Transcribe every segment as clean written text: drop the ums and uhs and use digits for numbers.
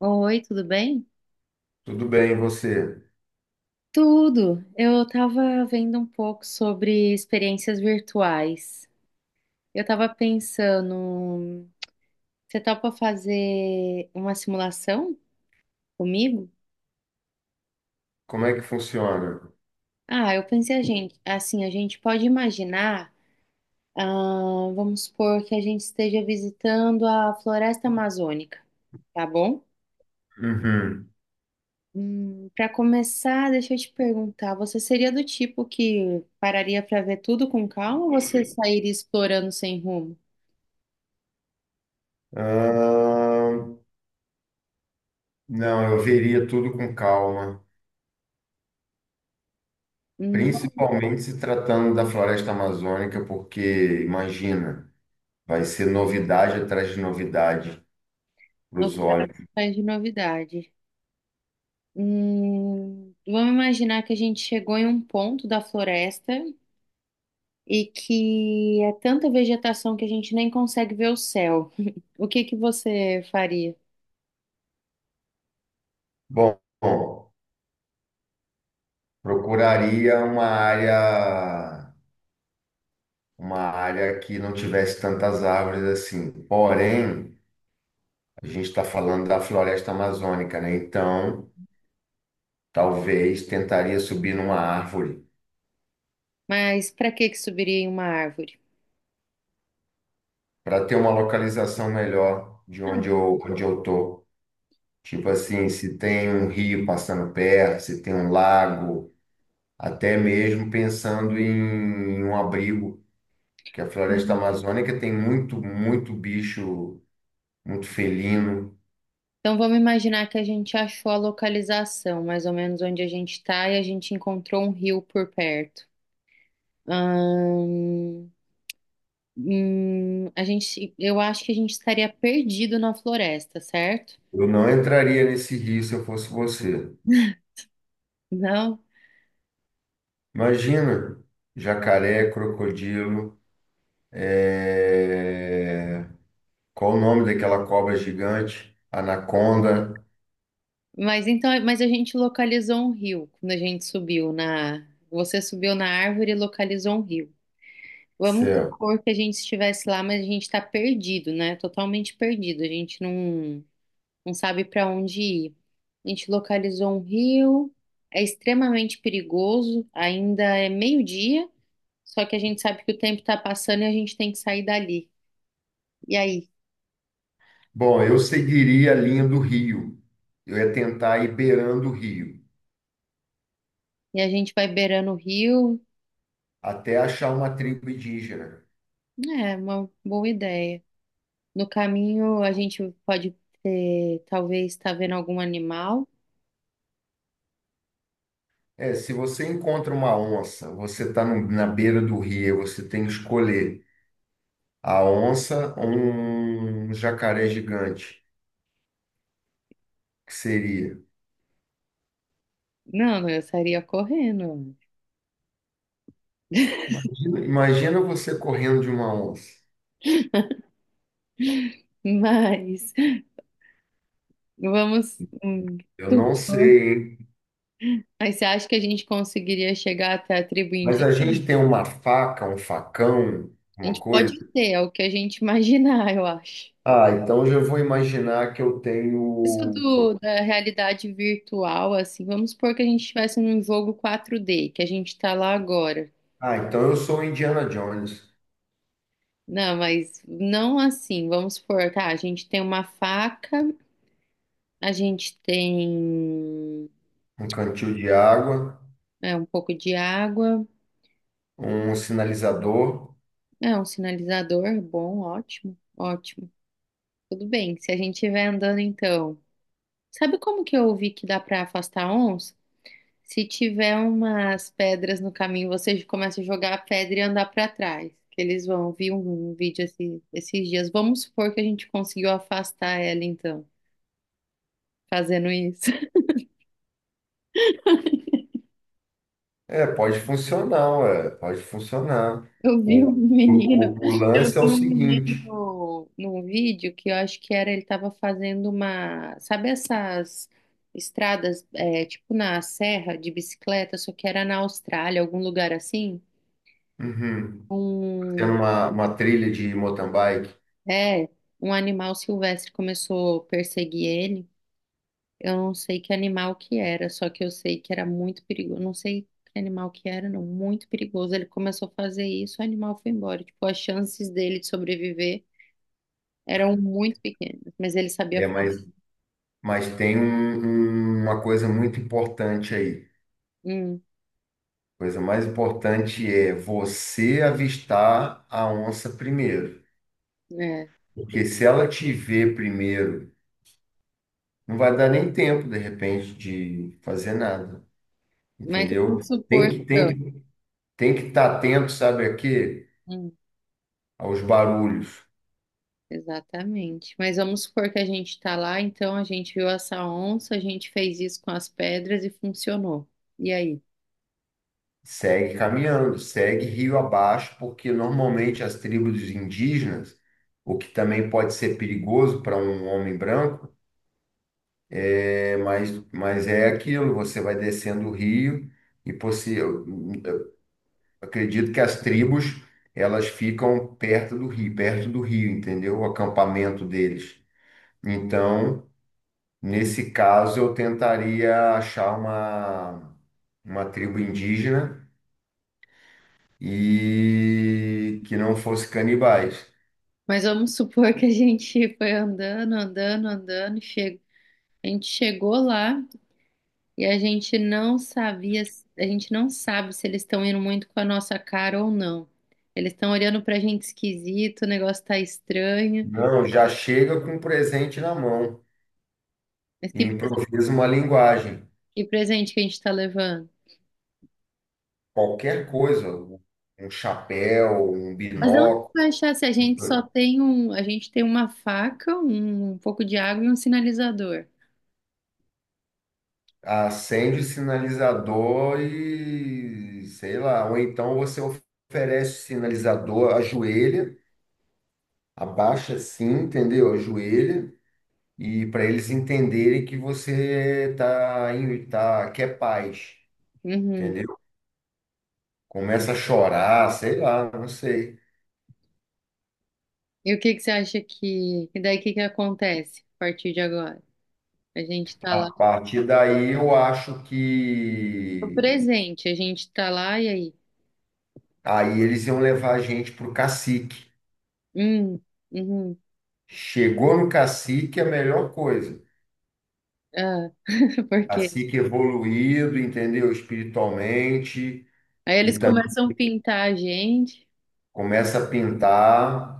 Oi, tudo bem? Tudo bem, e você? Tudo. Eu estava vendo um pouco sobre experiências virtuais. Eu estava pensando, você topa fazer uma simulação comigo? Como é que funciona? Eu pensei a gente, assim, a gente pode imaginar, vamos supor que a gente esteja visitando a floresta amazônica, tá bom? Uhum. Para começar, deixa eu te perguntar, você seria do tipo que pararia para ver tudo com calma ou você sairia explorando sem rumo? Ah, não, eu veria tudo com calma, Hum, principalmente se tratando da floresta amazônica, porque imagina, vai ser novidade atrás de novidade para os novidade, olhos. faz de novidade. Vamos imaginar que a gente chegou em um ponto da floresta e que é tanta vegetação que a gente nem consegue ver o céu. O que que você faria? Bom, procuraria uma área que não tivesse tantas árvores assim. Porém, a gente está falando da floresta amazônica, né? Então talvez tentaria subir numa árvore Mas para que que subiria em uma árvore? para ter uma localização melhor de Ah. Onde eu tô. Tipo assim, se tem um rio passando perto, se tem um lago, até mesmo pensando em um abrigo, que a floresta amazônica tem muito, muito bicho, muito felino. Então vamos imaginar que a gente achou a localização, mais ou menos onde a gente está, e a gente encontrou um rio por perto. Ahn, a gente, eu acho que a gente estaria perdido na floresta, certo? Eu não entraria nesse rio se eu fosse você. Não. Imagina, jacaré, crocodilo, é... qual o nome daquela cobra gigante? Anaconda. Mas então, mas a gente localizou um rio quando a gente subiu na. Você subiu na árvore e localizou um rio. Vamos Céu. supor que a gente estivesse lá, mas a gente está perdido, né? Totalmente perdido. A gente não, não sabe para onde ir. A gente localizou um rio, é extremamente perigoso, ainda é meio-dia, só que a gente sabe que o tempo está passando e a gente tem que sair dali. E aí? Bom, eu seguiria a linha do rio. Eu ia tentar ir beirando o rio, E a gente vai beirando o rio. até achar uma tribo indígena. É uma boa ideia. No caminho, a gente pode ter, talvez, estar vendo algum animal. É, se você encontra uma onça, você está na beira do rio, você tem que escolher a onça ou um jacaré gigante, que seria. Não, não, eu estaria correndo. Imagina, imagina você correndo de uma onça. Mas vamos. Eu tu- não sei, hein? Mas você acha que a gente conseguiria chegar até a tribo Mas a indígena? gente tem uma faca, um facão, A uma gente coisa. pode ter, é o que a gente imaginar, eu acho. Ah, então eu já vou imaginar que eu Isso tenho. do, da realidade virtual, assim, vamos supor que a gente estivesse num jogo 4D que a gente está lá agora. Ah, então eu sou o Indiana Jones. Não, mas não assim. Vamos supor, tá? A gente tem uma faca, a gente tem Um cantil de água, um pouco de água, um sinalizador. é um sinalizador, bom, ótimo, ótimo. Tudo bem. Se a gente estiver andando, então. Sabe como que eu ouvi que dá pra afastar onça? Se tiver umas pedras no caminho, você começa a jogar a pedra e andar pra trás. Que eles vão. Vi um, um vídeo esses dias. Vamos supor que a gente conseguiu afastar ela, então, fazendo isso. É, pode funcionar, ué, pode funcionar. Eu vi O, um o, menino, o, o eu lance é vi o um menino seguinte: no, num vídeo que eu acho que era, ele tava fazendo uma, sabe essas estradas, é, tipo na serra de bicicleta, só que era na Austrália, algum lugar assim? uhum, tem Um, uma trilha de mountain bike, é, um animal silvestre começou a perseguir ele. Eu não sei que animal que era, só que eu sei que era muito perigoso. Não sei que animal que era, não, muito perigoso. Ele começou a fazer isso, o animal foi embora. Tipo, as chances dele de sobreviver. Eram muito pequenos, mas ele sabia é, falar. mas, mas tem uma coisa muito importante aí. Hum, A coisa mais importante é você avistar a onça primeiro. é. Porque se ela te ver primeiro não vai dar nem tempo, de repente, de fazer nada, Mas entendeu? vamos supor. Tem que tem que tem que estar atento, sabe aqui, hum, aos barulhos. exatamente. Mas vamos supor que a gente está lá, então a gente viu essa onça, a gente fez isso com as pedras e funcionou. E aí? Segue caminhando, segue rio abaixo, porque normalmente as tribos indígenas, o que também pode ser perigoso para um homem branco, mas é aquilo, você vai descendo o rio e eu acredito que as tribos elas ficam perto do rio, entendeu? O acampamento deles. Então, Nesse caso, eu tentaria achar uma tribo indígena e que não fosse canibais. Mas vamos supor que a gente foi andando, andando, andando e chegou. A gente chegou lá e a gente não sabia, a gente não sabe se eles estão indo muito com a nossa cara ou não. Eles estão olhando pra gente esquisito, o negócio tá estranho. Não, já chega com um presente na mão Mas e que. improvisa uma linguagem. Que presente que a gente está levando? Qualquer coisa, um chapéu, um Mas onde binóculo, vai achar se a gente só tem um, a gente tem uma faca, um, pouco de água e um sinalizador. acende o sinalizador e sei lá. Ou então você oferece o sinalizador, ajoelha, abaixa assim, entendeu? Ajoelha e para eles entenderem que você tá quer paz, Uhum. entendeu? Começa a chorar, sei lá, não sei. E o que que você acha que, e daí o que que acontece a partir de agora? A gente tá A lá, partir daí eu acho o que presente, a gente tá lá e aí? aí eles iam levar a gente pro cacique. Hum, uhum, Chegou no cacique é a melhor coisa. ah, por quê? Cacique evoluído, entendeu? Espiritualmente Aí e eles também começam a pintar a gente, começa a pintar.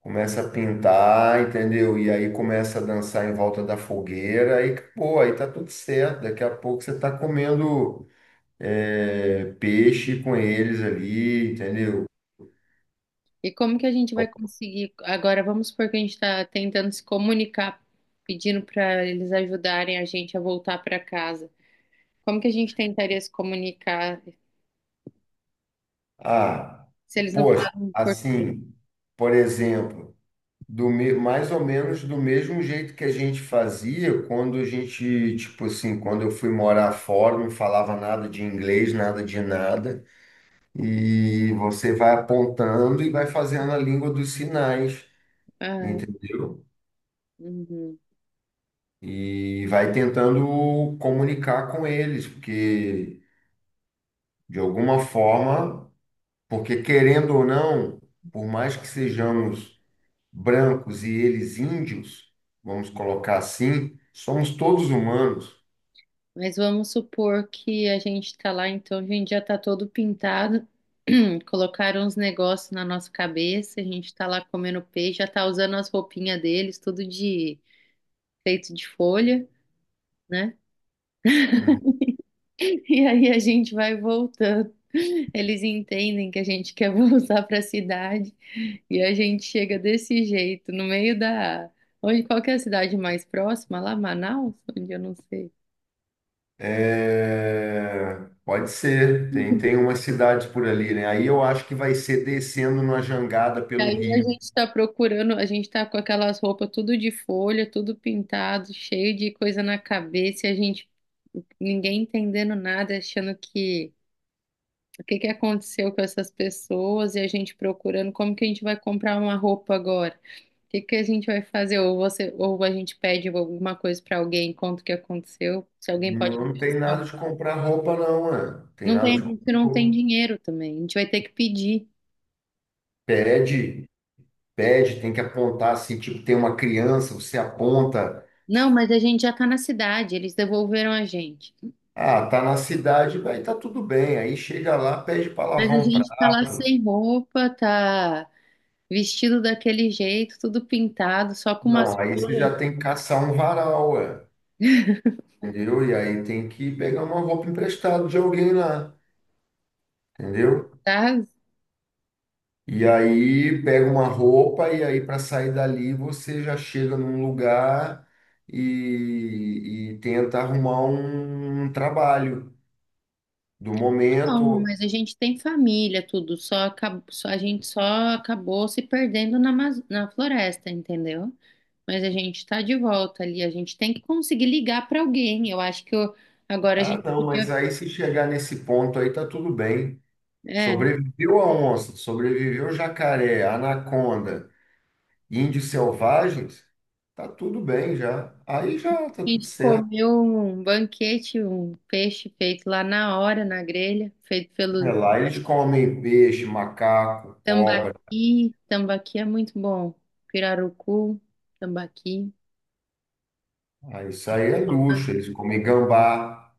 Começa a pintar, entendeu? E aí começa a dançar em volta da fogueira e acabou, aí tá tudo certo. Daqui a pouco você tá comendo peixe com eles ali, entendeu? e como que a gente vai conseguir? Agora vamos supor que a gente está tentando se comunicar, pedindo para eles ajudarem a gente a voltar para casa. Como que a gente tentaria se comunicar Ah, se eles não poxa, falam por... assim, por exemplo, mais ou menos do mesmo jeito que a gente fazia quando a gente, tipo assim, quando eu fui morar fora, não falava nada de inglês, nada de nada. E você vai apontando e vai fazendo a língua dos sinais, Ah, entendeu? uhum. E vai tentando comunicar com eles, porque de alguma forma, porque querendo ou não, por mais que sejamos brancos e eles índios, vamos colocar assim, somos todos humanos. Mas vamos supor que a gente está lá, então a gente já está todo pintado, colocaram uns negócios na nossa cabeça, a gente está lá comendo peixe, já está usando as roupinhas deles, tudo de feito de folha, né? Uhum. E aí a gente vai voltando. Eles entendem que a gente quer voltar para a cidade e a gente chega desse jeito, no meio da. Onde, qual que é a cidade mais próxima? Lá, Manaus? Onde eu não sei. É, pode ser, tem umas cidades por ali, né? Aí eu acho que vai ser descendo numa jangada E pelo aí rio. a gente está procurando, a gente está com aquelas roupas tudo de folha, tudo pintado, cheio de coisa na cabeça, e a gente, ninguém entendendo nada, achando que o que que aconteceu com essas pessoas e a gente procurando como que a gente vai comprar uma roupa agora? O que que a gente vai fazer? Ou você, ou a gente pede alguma coisa para alguém, conta o que aconteceu, se alguém pode Não tem emprestar. nada de comprar roupa, não, né? Tem Não nada tem, a de gente comprar não tem roupa. dinheiro também, a gente vai ter que pedir. Pede, pede, tem que apontar assim, tipo, tem uma criança, você aponta, Não, mas a gente já tá na cidade, eles devolveram a gente. ah, tá na cidade, vai, tá tudo bem. Aí chega lá, pede para Mas a lavar um gente tá lá prato. sem roupa, tá vestido daquele jeito, tudo pintado, só com umas Não, aí você flores, já tem que caçar um varal, ué, entendeu? E aí tem que pegar uma roupa emprestada de alguém lá, entendeu? tá? E aí pega uma roupa e aí para sair dali você já chega num lugar e tenta arrumar um trabalho do Não, momento. mas a gente tem família, tudo, só, só, a gente só acabou se perdendo na, na floresta, entendeu? Mas a gente tá de volta ali, a gente tem que conseguir ligar pra alguém. Eu acho que agora a Ah, gente não, mas podia, aí se chegar nesse ponto aí tá tudo bem. é, a Sobreviveu a onça, sobreviveu o jacaré, a anaconda, índios selvagens, tá tudo bem já. Aí já tá tudo gente certo. comeu um banquete, um peixe feito lá na hora, na grelha, feito pelos É, lá eles comem peixe, macaco, cobra. tambaqui, tambaqui é muito bom, pirarucu, tambaqui. Ah, isso aí é luxo, eles comem gambá.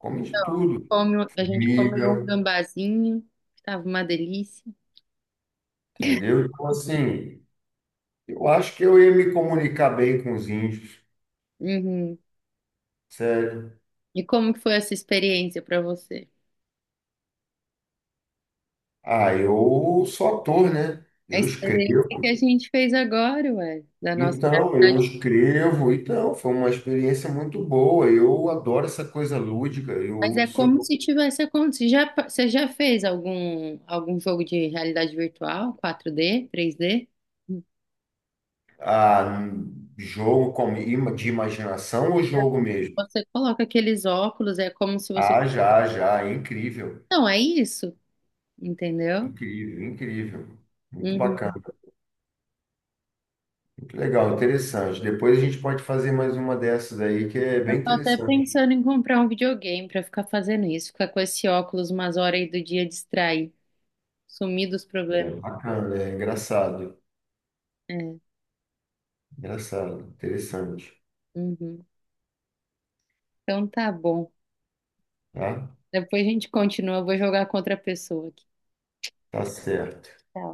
Come de Então, tudo, a gente comeu um formiga, gambazinho, que tava uma delícia. entendeu? Então, assim, eu acho que eu ia me comunicar bem com os índios, Uhum. sério. E como que foi essa experiência para você? Ah, eu sou ator, né? A Eu experiência que escrevo. a gente fez agora, ué, da nossa Então, eu realidade. escrevo. Então, foi uma experiência muito boa. Eu adoro essa coisa lúdica. Mas Eu é sou como se tivesse acontecido. Já, você já fez algum, algum jogo de realidade virtual, 4D 3D? ah, jogo com, de imaginação ou jogo mesmo? Você coloca aqueles óculos, é como se você. Ah, já, já. Incrível. Não, é isso, entendeu? Incrível, incrível. Muito bacana. Uhum. Que legal, interessante. Depois a gente pode fazer mais uma dessas aí, que é Eu bem tô até interessante. pensando em comprar um videogame para ficar fazendo isso, ficar com esse óculos umas horas aí do dia distrair, sumir dos problemas. É bacana, é engraçado. É. Engraçado, interessante. Uhum. Então tá bom. Tá? Depois a gente continua. Eu vou jogar contra a pessoa aqui. Tá certo. Tá?